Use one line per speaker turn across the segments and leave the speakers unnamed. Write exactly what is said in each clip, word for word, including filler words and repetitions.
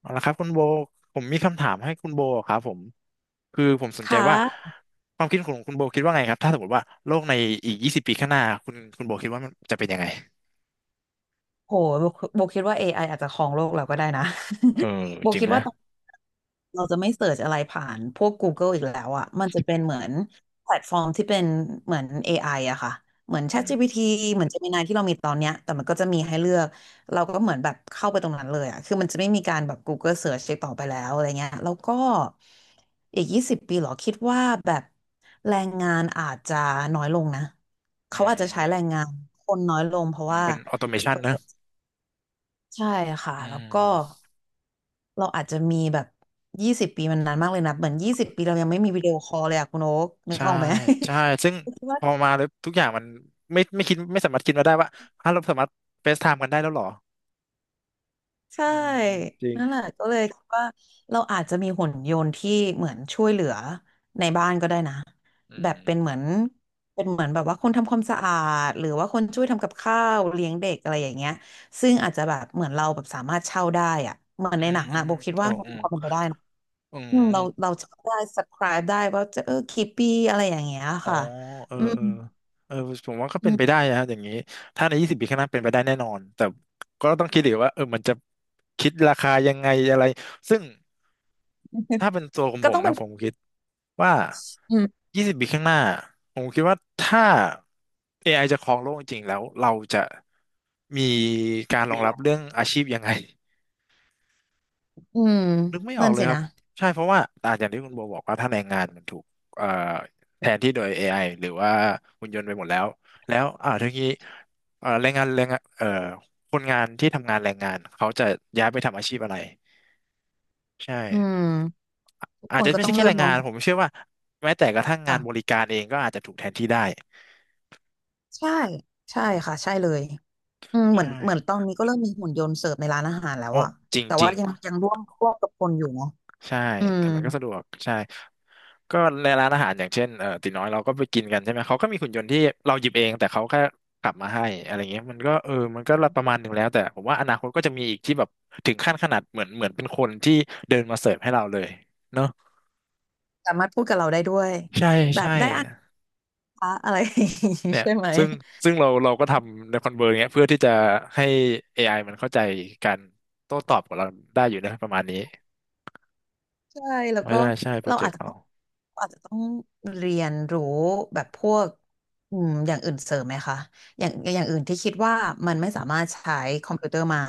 เอาละครับคุณโบผมมีคำถามให้คุณโบครับผมคือผมสนใจ
ค่
ว่า
ะ
ความคิดของคุณโบคิดว่าไงครับถ้าสมมติว่าโลกในอีกยี่สิบปีข้างหน้าคุณคุณโบคิดว่ามันจะเป็นยังไง
โหโบโบคิดว่า เอ ไอ อไออาจจะครองโลกเราก็ได้นะ
เออ
โบ
จริง
คิด
นะ
ว่าตอนเราจะไม่เสิร์ชอะไรผ่านพวก Google อีกแล้วอะมันจะเป็นเหมือนแพลตฟอร์มที่เป็นเหมือน เอ ไอ อไออะค่ะเหมือน
อืม
ChatGPT เหมือน Gemini ที่เรามีตอนเนี้ยแต่มันก็จะมีให้เลือกเราก็เหมือนแบบเข้าไปตรงนั้นเลยอะคือมันจะไม่มีการแบบ Google Search อีกต่อไปแล้วอะไรเงี้ยแล้วก็อีกยี่สิบปีเหรอคิดว่าแบบแรงงานอาจจะน้อยลงนะ
อื
เขาอาจจะใช้แรง
ม
งานคนน้อยลงเพราะ
อืม
ว่า
เป็นออโตเมชันนะ
ใช่ค่ะ
อื
แล้วก็
ม
เราอาจจะมีแบบยี่สิบปีมันนานมากเลยนะเหมือนยี่สิบปีเรายังไม่มีวิดีโอคอลเลยอะคุณโอ๊กนึก
ใช่
ออกไหม
ใช่ซึ่ง
คิดว่า
พอมาแล้วทุกอย่างมันไม่ไม่คิดไม่สามารถคิดมาได้ว่าฮะเราสามารถเฟซไทม์กันได้แล้วเหรอ
ใช่
อืมจริง
นั่นแหละก็เลยคิดว่าเราอาจจะมีหุ่นยนต์ที่เหมือนช่วยเหลือในบ้านก็ได้นะ
อื
แบบเป็นเหมื
ม
อนเป็นเหมือนแบบว่าคนทำความสะอาดหรือว่าคน
อื
ช่ว
ม
ยทำกับข้าวเลี้ยงเด็กอะไรอย่างเงี้ยซึ่งอาจจะแบบเหมือนเราแบบสามารถเช่าได้อะเหมือน
อื
ในหนั
ม
ง
อื
อะ
ม
โบคิด
โอ้
ว่ามัน
อื
มี
ม
ความเป็นไปได้
อื
อืม
ม
เราเราจะได้ subscribe ได้ว่าจะเออกี่ปีอะไรอย่างเงี้ย
อ๋อ
ค่ะ
เออ
อืม
เออเออผมว่าก็
อื
เป็น
ม
ไปได้นะฮะอย่างนี้ถ้าในยี่สิบปีข้างหน้าเป็นไปได้แน่นอนแต่ก็ต้องคิดอีกว่าเออมันจะคิดราคายังไงอะไรซึ่งถ้าเป็นตัวของ
ก็
ผ
ต้
ม
องเป็
นะ
น
ผมคิดว่า
อืม
ยี่สิบปีข้างหน้าผมคิดว่าถ้า เอ ไอ จะครองโลกจริงๆแล้วเราจะมีการรองรับเรื่องอาชีพยังไง
อืม
นึกไม่ออ
นั่
ก
น
เลย
สิ
ครับ
นะ
ใช่เพราะว่าอ่าอย่างที่คุณโบบอกว่าถ้าแรงงานมันถูกเอ่อแทนที่โดย เอ ไอ หรือว่าหุ่นยนต์ไปหมดแล้วแล้วอ่าทีนี้เอ่อแรงงานแรงงานเอ่อคนงานที่ทำงานแรงงานเขาจะย้ายไปทำอาชีพอะไรใช่
อืมทุก
อาจ
คน
จะ
ก็
ไม่
ต้
ใช่
อง
แค่
เริ่
แร
ม
ง
ม
งา
อง
นผมเชื่อว่าแม้แต่กระทั่งงานบริ
ค่ะ
การเองก็อาจจะถูกแทนที่ได้
ใช่ใช่
อืม
ค่ะใช่เลยอืมเหมือน
ใช่
เหมือนตอนนี้ก็เริ่มมีหุ่นยนต์เสิร์ฟในร้านอาหารแล้ว
โอ้
อะ
จริง
แต่
จ
ว่า
ริง
ยังยังร่วมร่วมกับคนอยู่เนาะ
ใช่
อืม
แต่มันก็สะดวกใช่ ก็ในร้านอาหารอย่างเช่นเอ่อตีน้อยเราก็ไปกินกันใช่ไหมเขาก็มีหุ่นยนต์ที่เราหยิบเองแต่เขาแค่กลับมาให้อะไรเงี้ยมันก็เออมันก็ประมาณหนึ่งแล้วแต่ผมว่าอนาคตก็จะมีอีกที่แบบถึงขั้นขนาดเหมือนเหมือนเป็นคนที่เดินมาเสิร์ฟให้เราเลยเนาะ
สามารถพูดกับเราได้ด้วย
ใช่
แบบ
ใช่
ได้อ่านคะอะไรอย่างงี้
เนี่ ย
ใช่ไหม
ซึ่งซึ่งเราเราก็ทำในคอนเวอร์เงี้ยเพื่อที่จะให้ เอ ไอ มันเข้าใจการโต้ตอบกับเราได้อยู่นะประมาณนี้
ใช่แล้ว
ใช่
ก็
ใช่โปร
เรา
เจ
อา
ก
จ
ต์
จะ
เรา
ต้องอาจจะต้องเรียนรู้แบบพวกอืมอย่างอื่นเสริมไหมคะอย่างอย่างอื่นที่คิดว่ามันไม่สามารถใช้คอมพิวเตอร์มา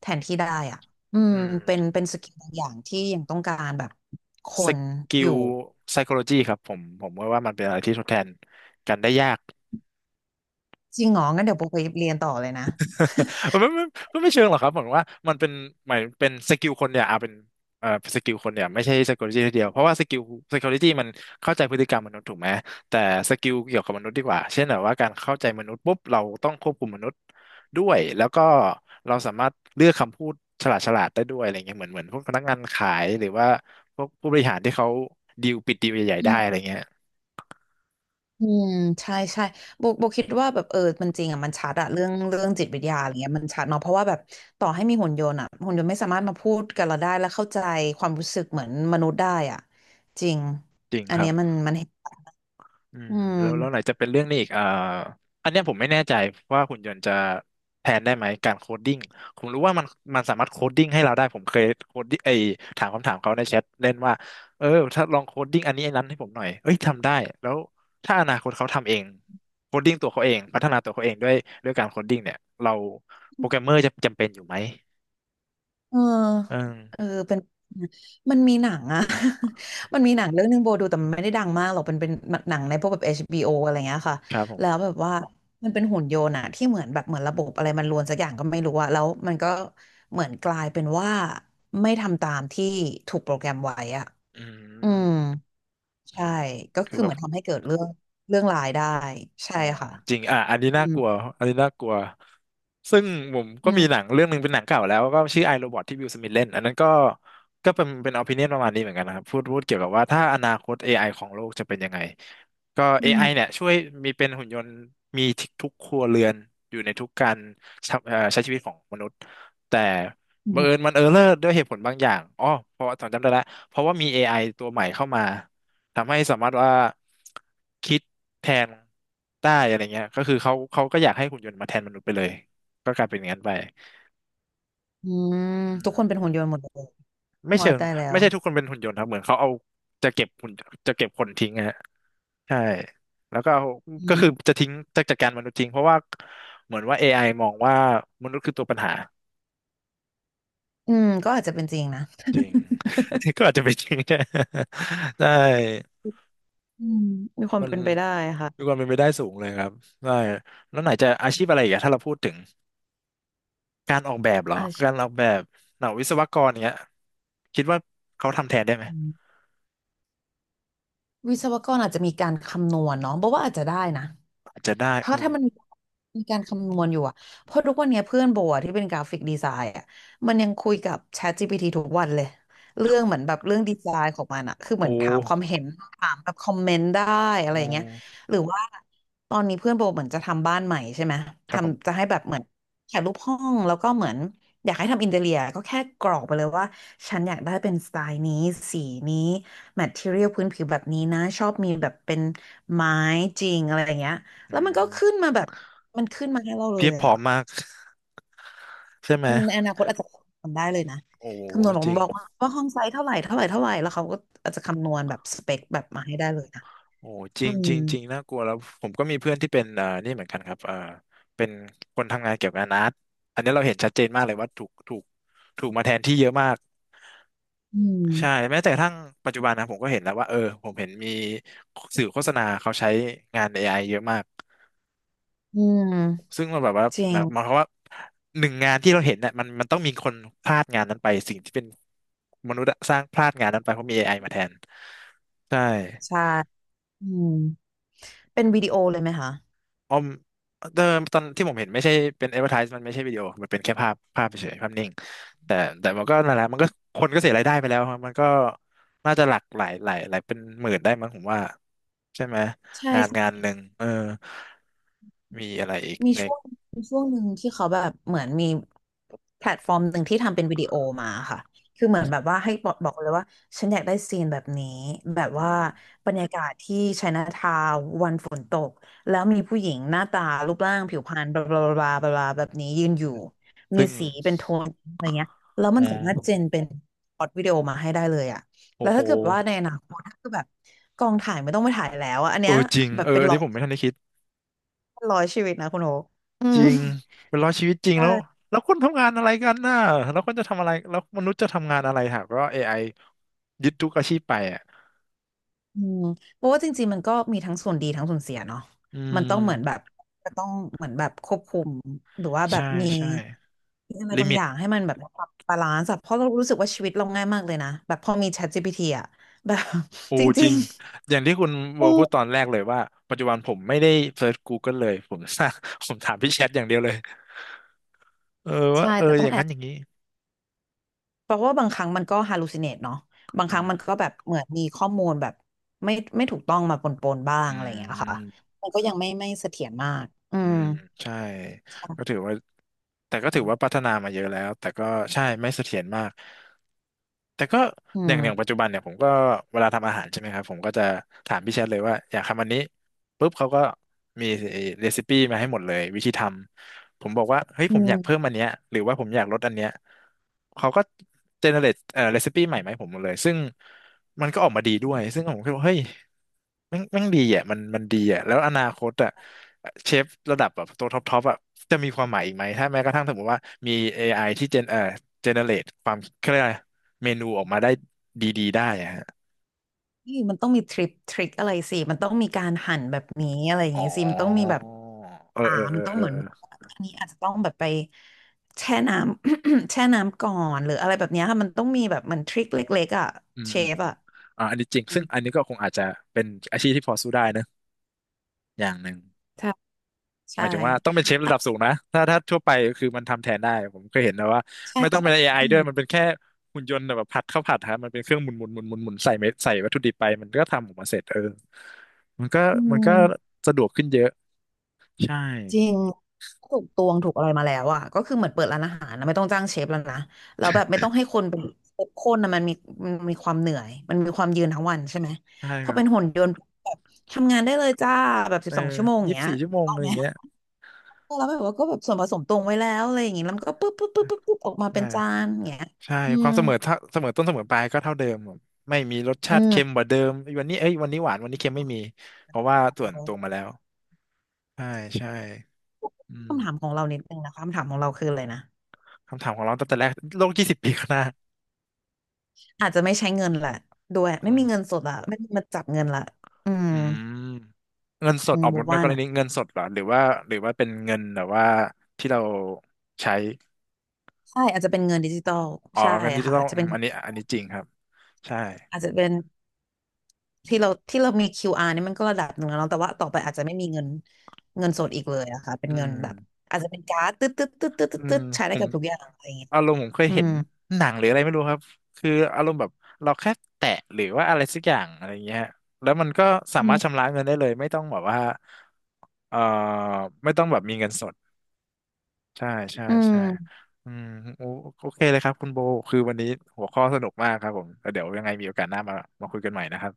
แทนที่ได้อ่ะอืม
อืม
เป็นเป็นสกิลบางอย่างที่ยังต้องการแบบค
ส
น
กิ
อ
ล
ยู่
psychology ครับผมผมว่าว่ามันเป็นอะไรที่ทดแทนกันได้ยาก
จริงเหรองั้นเดี๋ยวโบไปเรียนต่อเลยนะ
ไมันไม่ไม่ไม่เชิงหรอกครับผมว่ามันเป็นหมายเป็นสกิลคนเนี่ยเอาเป็นเอ่อสกิลคนเนี่ยไม่ใช่ psychology ทีเดียวเพราะว่าสกิล psychology มันเข้าใจพฤติกรรมมนุษย์ถูกไหมแต่สกิลเกี่ยวกับมนุษย์ดีกว่าเช่นแบบว่าการเข้าใจมนุษย์ปุ๊บเราต้องควบคุมมนุษย์ด้วยแล้วก็เราสามารถเลือกคำพูดฉลาดฉลาดได้ด้วยอะไรเงี้ยเหมือนเหมือนพวกพนักงานขายหรือว่าพวกผู้บริหารที่เขาดีลปิดดีลใหญ่
อื
ๆได้
ม
อะไรเงี้ย
อืมใช่ใช่โบโบคิดว่าแบบเออมันจริงอ่ะมันชัดอะเรื่องเรื่องจิตวิทยาอะไรเงี้ยมันชัดเนาะเพราะว่าแบบต่อให้มีหุ่นยนต์อะหุ่นยนต์ไม่สามารถมาพูดกับเราได้และเข้าใจความรู้สึกเหมือนมนุษย์ได้อ่ะจริง
จริง
อั
ค
น
รั
เนี้
บ
ยมันมันเห็น
อืม
อื
แล้วแล้วไหน
ม
จะเป็นเรื่องนี้อีกอ่าอันเนี้ยผมไม่แน่ใจว่าหุ่นยนต์จะแทนได้ไหมการโคดดิ้งผมรู้ว่ามันมันสามารถโคดดิ้งให้เราได้ผมเคยโคดดิ้งไอถามคำถามเขาในแชทเล่นว่าเออถ้าลองโคดดิ้งอันนี้อันนั้นให้ผมหน่อยเอ้ยทำได้แล้วถ้าอนาคตเขาทำเองโคดดิ้งตัวเขาเองพัฒนาตัวเขาเองด้วยด้วยการโคดดิ้งเนี่ยเราโปรแกรมเมอร์จะจำเป็นอยู่ไหม
เออ
เออ
เออเป็นมันมีหนังอะ มันมีหนังเรื่องนึงโบดูแต่มันไม่ได้ดังมากหรอกเป็นเป็นหนังในพวกแบบเอชบี o ออะไรเงี้ยค่ะ
ครับผ
แล้ว
ม
แบบว่ามันเป็นหุ่นยนต์อะที่เหมือนแบบเหมือนระบบอะไรมันรวนสักอย่างก็ไม่รู้อะแล้วมันก็เหมือนกลายเป็นว่าไม่ทำตามที่ถูกโปรแกรมไว้อะ
อื
อื
ม
ม
อื
ใช่
ม
ก็
คือ
คือ
แบ
เห
บ
มือนทำให้เกิดเรื่องเรื่องร้ายได้ใช่
อ๋อ
ค่ะ
จริงอ่ะอันนี้
อื
น่า
ม
กลัวอันนี้น่ากลัวซึ่งผมก็
อื
มีห
ม
นังเรื่องหนึ่งเป็นหนังเก่าแล้วก็ชื่อไอโรบอทที่วิลสมิธเล่นอันนั้นก็ก็เป็นเป็นอ p ิ n i o n นประมาณนี้เหมือนกันนะครับพูดพูดเกี่ยวกับว่าถ้าอนาคต เอ ไอ ของโลกจะเป็นยังไง ก็
อื
เอ ไอ เนี่
ม
ยช่วยมีเป็นหุ่นยนต์มีทุกครัวเรือนอยู่ในทุกการใช้เอ่อใช้ชีวิตของมนุษย์แต่
อื
บังเอิญ
ม
มันเออร์เลอร์ด้วยเหตุผลบางอย่างอ๋อเพราะจำจำได้แล้วเพราะว่ามี เอ ไอ ตัวใหม่เข้ามาทำให้สามารถว่าคิดแทนได้อะไรเงี้ยก็คือเขาเขาก็อยากให้หุ่นยนต์มาแทนมนุษย์ไปเลยก็กลายเป็นอย่างนั้นไป
อืม
อื
ทุก
ม
คนเป็นหุ่นยนต์หมดเลย
ไม่
มอ
เชิ
ย
ง
ตายแล้
ไม่
ว
ใช่ทุกคนเป็นหุ่นยนต์ครับเหมือนเขาเอาจะเก็บหุ่นจะเก็บคนทิ้งอะฮะใช่แล้วก็เอาก็คือจะทิ้งจะจัดการมนุษย์ทิ้งเพราะว่าเหมือนว่า เอ ไอ มองว่ามนุษย์คือตัวปัญหา
อืมก็อาจจะเป็นจริงนะ
จริง ก็อาจจะเป็นจริง ใช่ได้
อืมมีความ
มัน
เป็นไปได้ค่ะ
มีความเป็นไปได้สูงเลยครับได้แล้วไหนจะอาชีพอะไรอีกอะถ้าเราพูดถึงการออกแบบเหรอ
อาชีพ
การออกแบบหน่าวิศวกรเนี้ยคิดว่าเขาทำแทนได้ไหม
วิศวกรอาจจะมีการคำนวณเนาะบอกว่าอาจจะได้นะ
อาจจะได้
เพราะ
โอ้
ถ้า
โห
มันมีการคำนวณอยู่อะเพราะทุกวันเนี้ยเพื่อนโบอะที่เป็นกราฟิกดีไซน์อะมันยังคุยกับ ChatGPT ทุกวันเลย เรื่องเหมือนแบบเรื่องดีไซน์ของมันอะคือเห
โอ
มือนถามความ
้
เห็น ถามแบบคอมเมนต์ได้อะ
โ
ไรอย่างเงี้ย
ห
หรือว่าตอนนี้เพื่อนโบเหมือนจะทำบ้านใหม่ใช่ไหม
ครับผ
ทำจะ
ม
ให้แบบเหมือนถ่ายรูปห้องแล้วก็เหมือนอยากให้ทำอินเทีเรียก็แค่กรอกไปเลยว่าฉันอยากได้เป็นสไตล์นี้สีนี้แมทเทอเรียลพื้นผิวแบบนี้นะชอบมีแบบเป็นไม้จริงอะไรอย่างเงี้ย แล้
อื
วมันก็
ม
ขึ้นมาแบบมันขึ้นมาให้เราเล
เพีย
ย
บผ
อ่ะ
อมมากใช่ไหม
ในอนาคตอาจจะทำได้เลยนะ
โอ้โห
คำนวณผ
จ
ม
ริง
บอกว่าว่าห้องไซส์เท่าไหร่เท่าไหร่เท่าไหร่แล้วเขาก็อาจจะคำนวณแบบสเปคแบบมาให้ได้เลยนะ
โอ้โหจ
อื
ริง
ม
จริงจริงน่ากลัวแล้วผมก็มีเพื่อนที่เป็นอ่านี่เหมือนกันครับอ่าเป็นคนทำงานเกี่ยวกับอาร์ตอันนี้เราเห็นชัดเจนมากเลยว่าถูกถูกถูกมาแทนที่เยอะมาก
อื
ใช่
ม
แม้แต่กระทั่งปัจจุบันนะผมก็เห็นแล้วว่าเออผมเห็นมีสื่อโฆษณาเขาใช้งานเอไอเยอะมาก
อืม
ซึ่งมันแบบว่า
จริ
ห
ง
มายหมายความว่าหนึ่งงานที่เราเห็นเนี่ยมันมันต้องมีคนพลาดงานนั้นไปสิ่งที่เป็นมนุษย์อะสร้างพลาดงานนั้นไปเพราะมีเอไอมาแทนใช่
ใช่อืมเป็นวิดีโอเลยไหมคะ
ออมเดิมตอนที่ผมเห็นไม่ใช่เป็น advertise มันไม่ใช่วิดีโอมันเป็นแค่ภาพภาพเฉยๆภาพนิ่งแต่แต่มันก็นั่นแหละมันก็คนก็เสียรายได้ไปแล้วครับมันก็น่าจะหลักหลายหลายหลายเป็นหมื่นได้มั้งผมว่าใช่ไหม
ใช่
งาน
ใช่
งานหนึ่งเออมีอะไรอีก
มี
เล็
ช่
ก
วงมีช่วงหนึ่งที่เขาแบบเหมือนมีแพลตฟอร์มหนึ่งที่ทำเป็นวิดีโอมาค่ะคือเหมือนแบบว่าให้บอกบอกเลยว่าฉันอยากได้ซีนแบบนี้แบบ
อื
ว่า
ม
บรรยากาศที่ไชน่าทาวน์วันฝนตกแล้วมีผู้หญิงหน้าตารูปร่างผิวพรรณบลาบลาบลาบลาบลาแบบนี้ยืนอยู่มี
ซึ่ง
สีเป็นโทนอะไรเงี้ยแล้วมั
อ๋
นสามารถเจ
อ
นเป็นพล็อรตวิดีโอมาให้ได้เลยอะ
โอ้
แล้ว
โห
ถ้าเกิดว่าในอนาคตถ้าเกิดแบบกองถ่ายไม่ต้องไปถ่ายแล้วอะอัน
เออ
เนี้ย
จริง
แบบ
เออ
เป็น
อัน
ร้อ
นี้
ย
ผมไม่ทันได้คิด
ร้อยชีวิตนะคุณโออื
จ
ม
ริงเป็นร้อยชีวิตจริงแล้ว
ใช่
แล้วคนทำงานอะไรกันน่ะแล้วคนจะทำอะไรแล้วมนุษย์จะทำงานอะไรหากว่าเอไอยึดทุกอาชีพไป
อืมเพราะว่าจริงๆมันก็มีทั้งส่วนดีทั้งส่วนเสียเนาะ
อื
มัน
ม
ต้องเหมือนแบบจะต้องเหมือนแบบควบคุมหรือว่าแบ
ใช่
บมี
ใช่
มีอะไร
ลิ
บาง
มิ
อ
ต
ย่างให้มันแบบปรับบาลานซ์อะเพราะเรารู้สึกว่าชีวิตเราง่ายมากเลยนะแบบพอมี ChatGPT อะแบบ
โอ
จ
จ
ริ
ริง
ง
อย่างที่คุณ
ๆ
ว
เอ
อลพู
อ
ดตอนแรกเลยว่าปัจจุบันผมไม่ได้เซิร์ช Google เลยผม สร้างผมถามพี่แชทอย่างเดียวเลยเออว่า
ใช่
เออ
แต่
อ
ต้อง
ย่าง
แอ
นั้น
บ
อย่างนี้
เพราะว่าบางครั้งมันก็ hallucinate เนาะบาง
อื
ครั้ง
ม
มันก็แบบเหมือนมีข้อมูลแบบไม่ไม่ถูกต้องมาปนๆบ้าง
อื
อะไรอย่างเงี้ยค่ะ
ม
มันก็ยังไม่ไม่เสถียรมากอื
อื
ม
มใช่ก็
ใช่
ถือว่าแต่ก็ถือว่าพัฒนามาเยอะแล้วแต่ก็ใช่ไม่เสถียรมากแต่ก็
อื
อย่างอย่างปั
ม
จจุบันเนี่ยผมก็เวลาทำอาหารใช่ไหมครับผมก็จะถามพี่แชทเลยว่าอยากทำอันนี้ปุ๊บเขาก็มีเรซิปี้มาให้หมดเลยวิธีทำผมบอกว่าเฮ้ย
อื
ผมอ
ม
ยากเพิ่มอันเนี้ยหรือว่าผมอยากลดอันเนี้ยเขาก็เจเนเรตเอ่อเรซิปี้ใหม่มาให้ผมหมดเลยซึ่งมันก็ออกมาดีด้วยซึ่งผมคิดว่าเฮ้ย แม่งแม่งดีอ่ะมันมันดีอ่ะแล้วอนาคตอ่ะเชฟระดับแบบตัวท็อปท็อปอ่ะจะมีความหมายอีกไหมถ้าแม้กระทั่งสมมติว่ามี เอ ไอ ที่เจนเอ่อเจเนเรตความเขาเรียกอะไรเมนูออกมาได้ดีๆได้อะฮะ
นี่มันต้องมีทริปทริคอะไรสิ มันต้องมีการหั่นแบบนี้อะไรอย่าง
อ๋อ
งี้สิมันต้องมีแบบ
เออ
อ่า
เออเอ
มั
อ
นต้อง
เออ
เหมือน
เออ
อันนี้อาจจะต้องแบบไปแช่น้ำ แช่น้ำก่อนหรืออะไรแบบเนี้ยค่ะมันต้องมีแบบเหมือนทริคเล็กๆอ่ะ
อืม
เช
อืม
ฟ
อม
อ่ะ
อ่าอันนี้จริง
อื
ซึ่
ม
งอันนี้ก็คงอาจจะเป็นอาชีพที่พอสู้ได้นะอย่างหนึ่ง
ใช่
ห
ใช่
มายถึงว่าต้องเป็นเชฟระดับสู
อ่ะ
งนะถ้าถ้าทั่วไปคือมันทำแทนได้ผมเคยเห็นนะว่า
ใช่
ไม่ต้องเป็น เอ ไอ
ใช่
ด้วยมันเป็นแค่หุ่นยนต์แบบผัดข้าวผัดฮะมันเป็นเครื่องหมุนหมุนหมุนหมุนหมุนใส่เม็ดใส่วัตถุดิบไปมันก็ทำออกมาเสร็จเออมันก็
อื
มันก็
ม
สะดวกขึ้นเยอะใช่
จริงถูกตวงถูกอะไรมาแล้วอ่ะก็คือเหมือนเปิดร้านอาหารนะไม่ต้องจ้างเชฟแล้วนะแล้วแบบไม่ต้องให้คนเป็นเชฟคนนะมันมีมันมีความเหนื่อยมันมีความยืนทั้งวันใช่ไหม
ใช่
พ
ค
อ
รั
เป็
บ
นหุ่นยนต์แบบทำงานได้เลยจ้าแบบสิ
เอ
บ
อ
สองชั่วโมงอย่า
ยี่
ง
สิบ
เงี้ย
สี่ชั่วโมง
ออ
อะ
ก
ไร
ไห
อ
ม
ย่างเงี้ย
แล้วแบบว่าก็แบบส่วนผสมตวงไว้แล้วอะไรอย่างงี้แล้วมันก็ปุ๊บปุ๊บปุ๊บปุ๊บปุ๊บออกมาเป็นจา
ใช่
นอย่างเงี้ย
ใช่
อื
ค
ม
วามเสมอเท่าเสมอต้นเสมอปลายก็เท่าเดิมผมไม่มีรส
อื
ชาติเค็ม
ม
กว่าเดิมวันนี้เอ้ยวันนี้หวานวันนี้เค็มไม่มีเพราะว่าส่วนตวงมาแล้วใช่ใช่อืม
คำถามของเรานิดนึงนะคะคำถามของเราคืออะไรนะ
คำถามของเราตั้งแต่แรกโลกยี่สิบปีข้างหน้า
อาจจะไม่ใช้เงินแหละด้วย
อื
ไม่มีเงิน
ม
สดอะไม่มีมาจับเงินละอืม
อืมเงินสด
อื
อ
ม
อก
บ
หม
อก
ดใน
ว่า
กร
นะ
ณีเงินสดเหรอหรือว่าหรือว่าเป็นเงินแบบว่าที่เราใช้
ใช่อาจจะเป็นเงินดิจิตอล
อ๋อ
ใช่
เงินดิจิ
ค่ะ
ตอล
อาจจะ
อม
เป็น
อันนี้อันนี้จริงครับใช่
อาจจะเป็นที่เราที่เรามี คิว อาร์ นี่มันก็ระดับหนึ่งแล้วเนาะแต่ว่าต่อไปอาจจะไม่มีเงินเงินสดอีกเลยอะค่ะเป็น
อื
เงิน
ม
แบบอาจจะเป็นการ์ดตึ๊ดตึ๊ดตึ๊ดตึ๊ด
อื
ตึ๊ด
ม
ตึ๊ดใช้
ผ
ได้
ม
กับทุกอย่างอะไรอย่างเงี้ย
อารมณ์ผมเคย
อื
เห็น
ม
หนังหรืออะไรไม่รู้ครับคืออารมณ์แบบเราแค่แตะหรือว่าอะไรสักอย่างอะไรเงี้ยแล้วมันก็สา
อื
มารถ
ม
ชำระเงินได้เลยไม่ต้องแบบว่าเอ่อไม่ต้องแบบมีเงินสด ใช่ใช่
อื
ใช่
ม
อืมโอโอเคเลยครับคุณโบคือวันนี้หัวข้อสนุกมากครับผมแล้วเดี๋ยวยังไงมีโอกาสหน้ามามาคุยกันใหม่นะครับ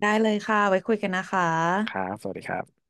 ได้เลยค่ะไว้คุยกันนะคะ
ครับสวัสดีครับ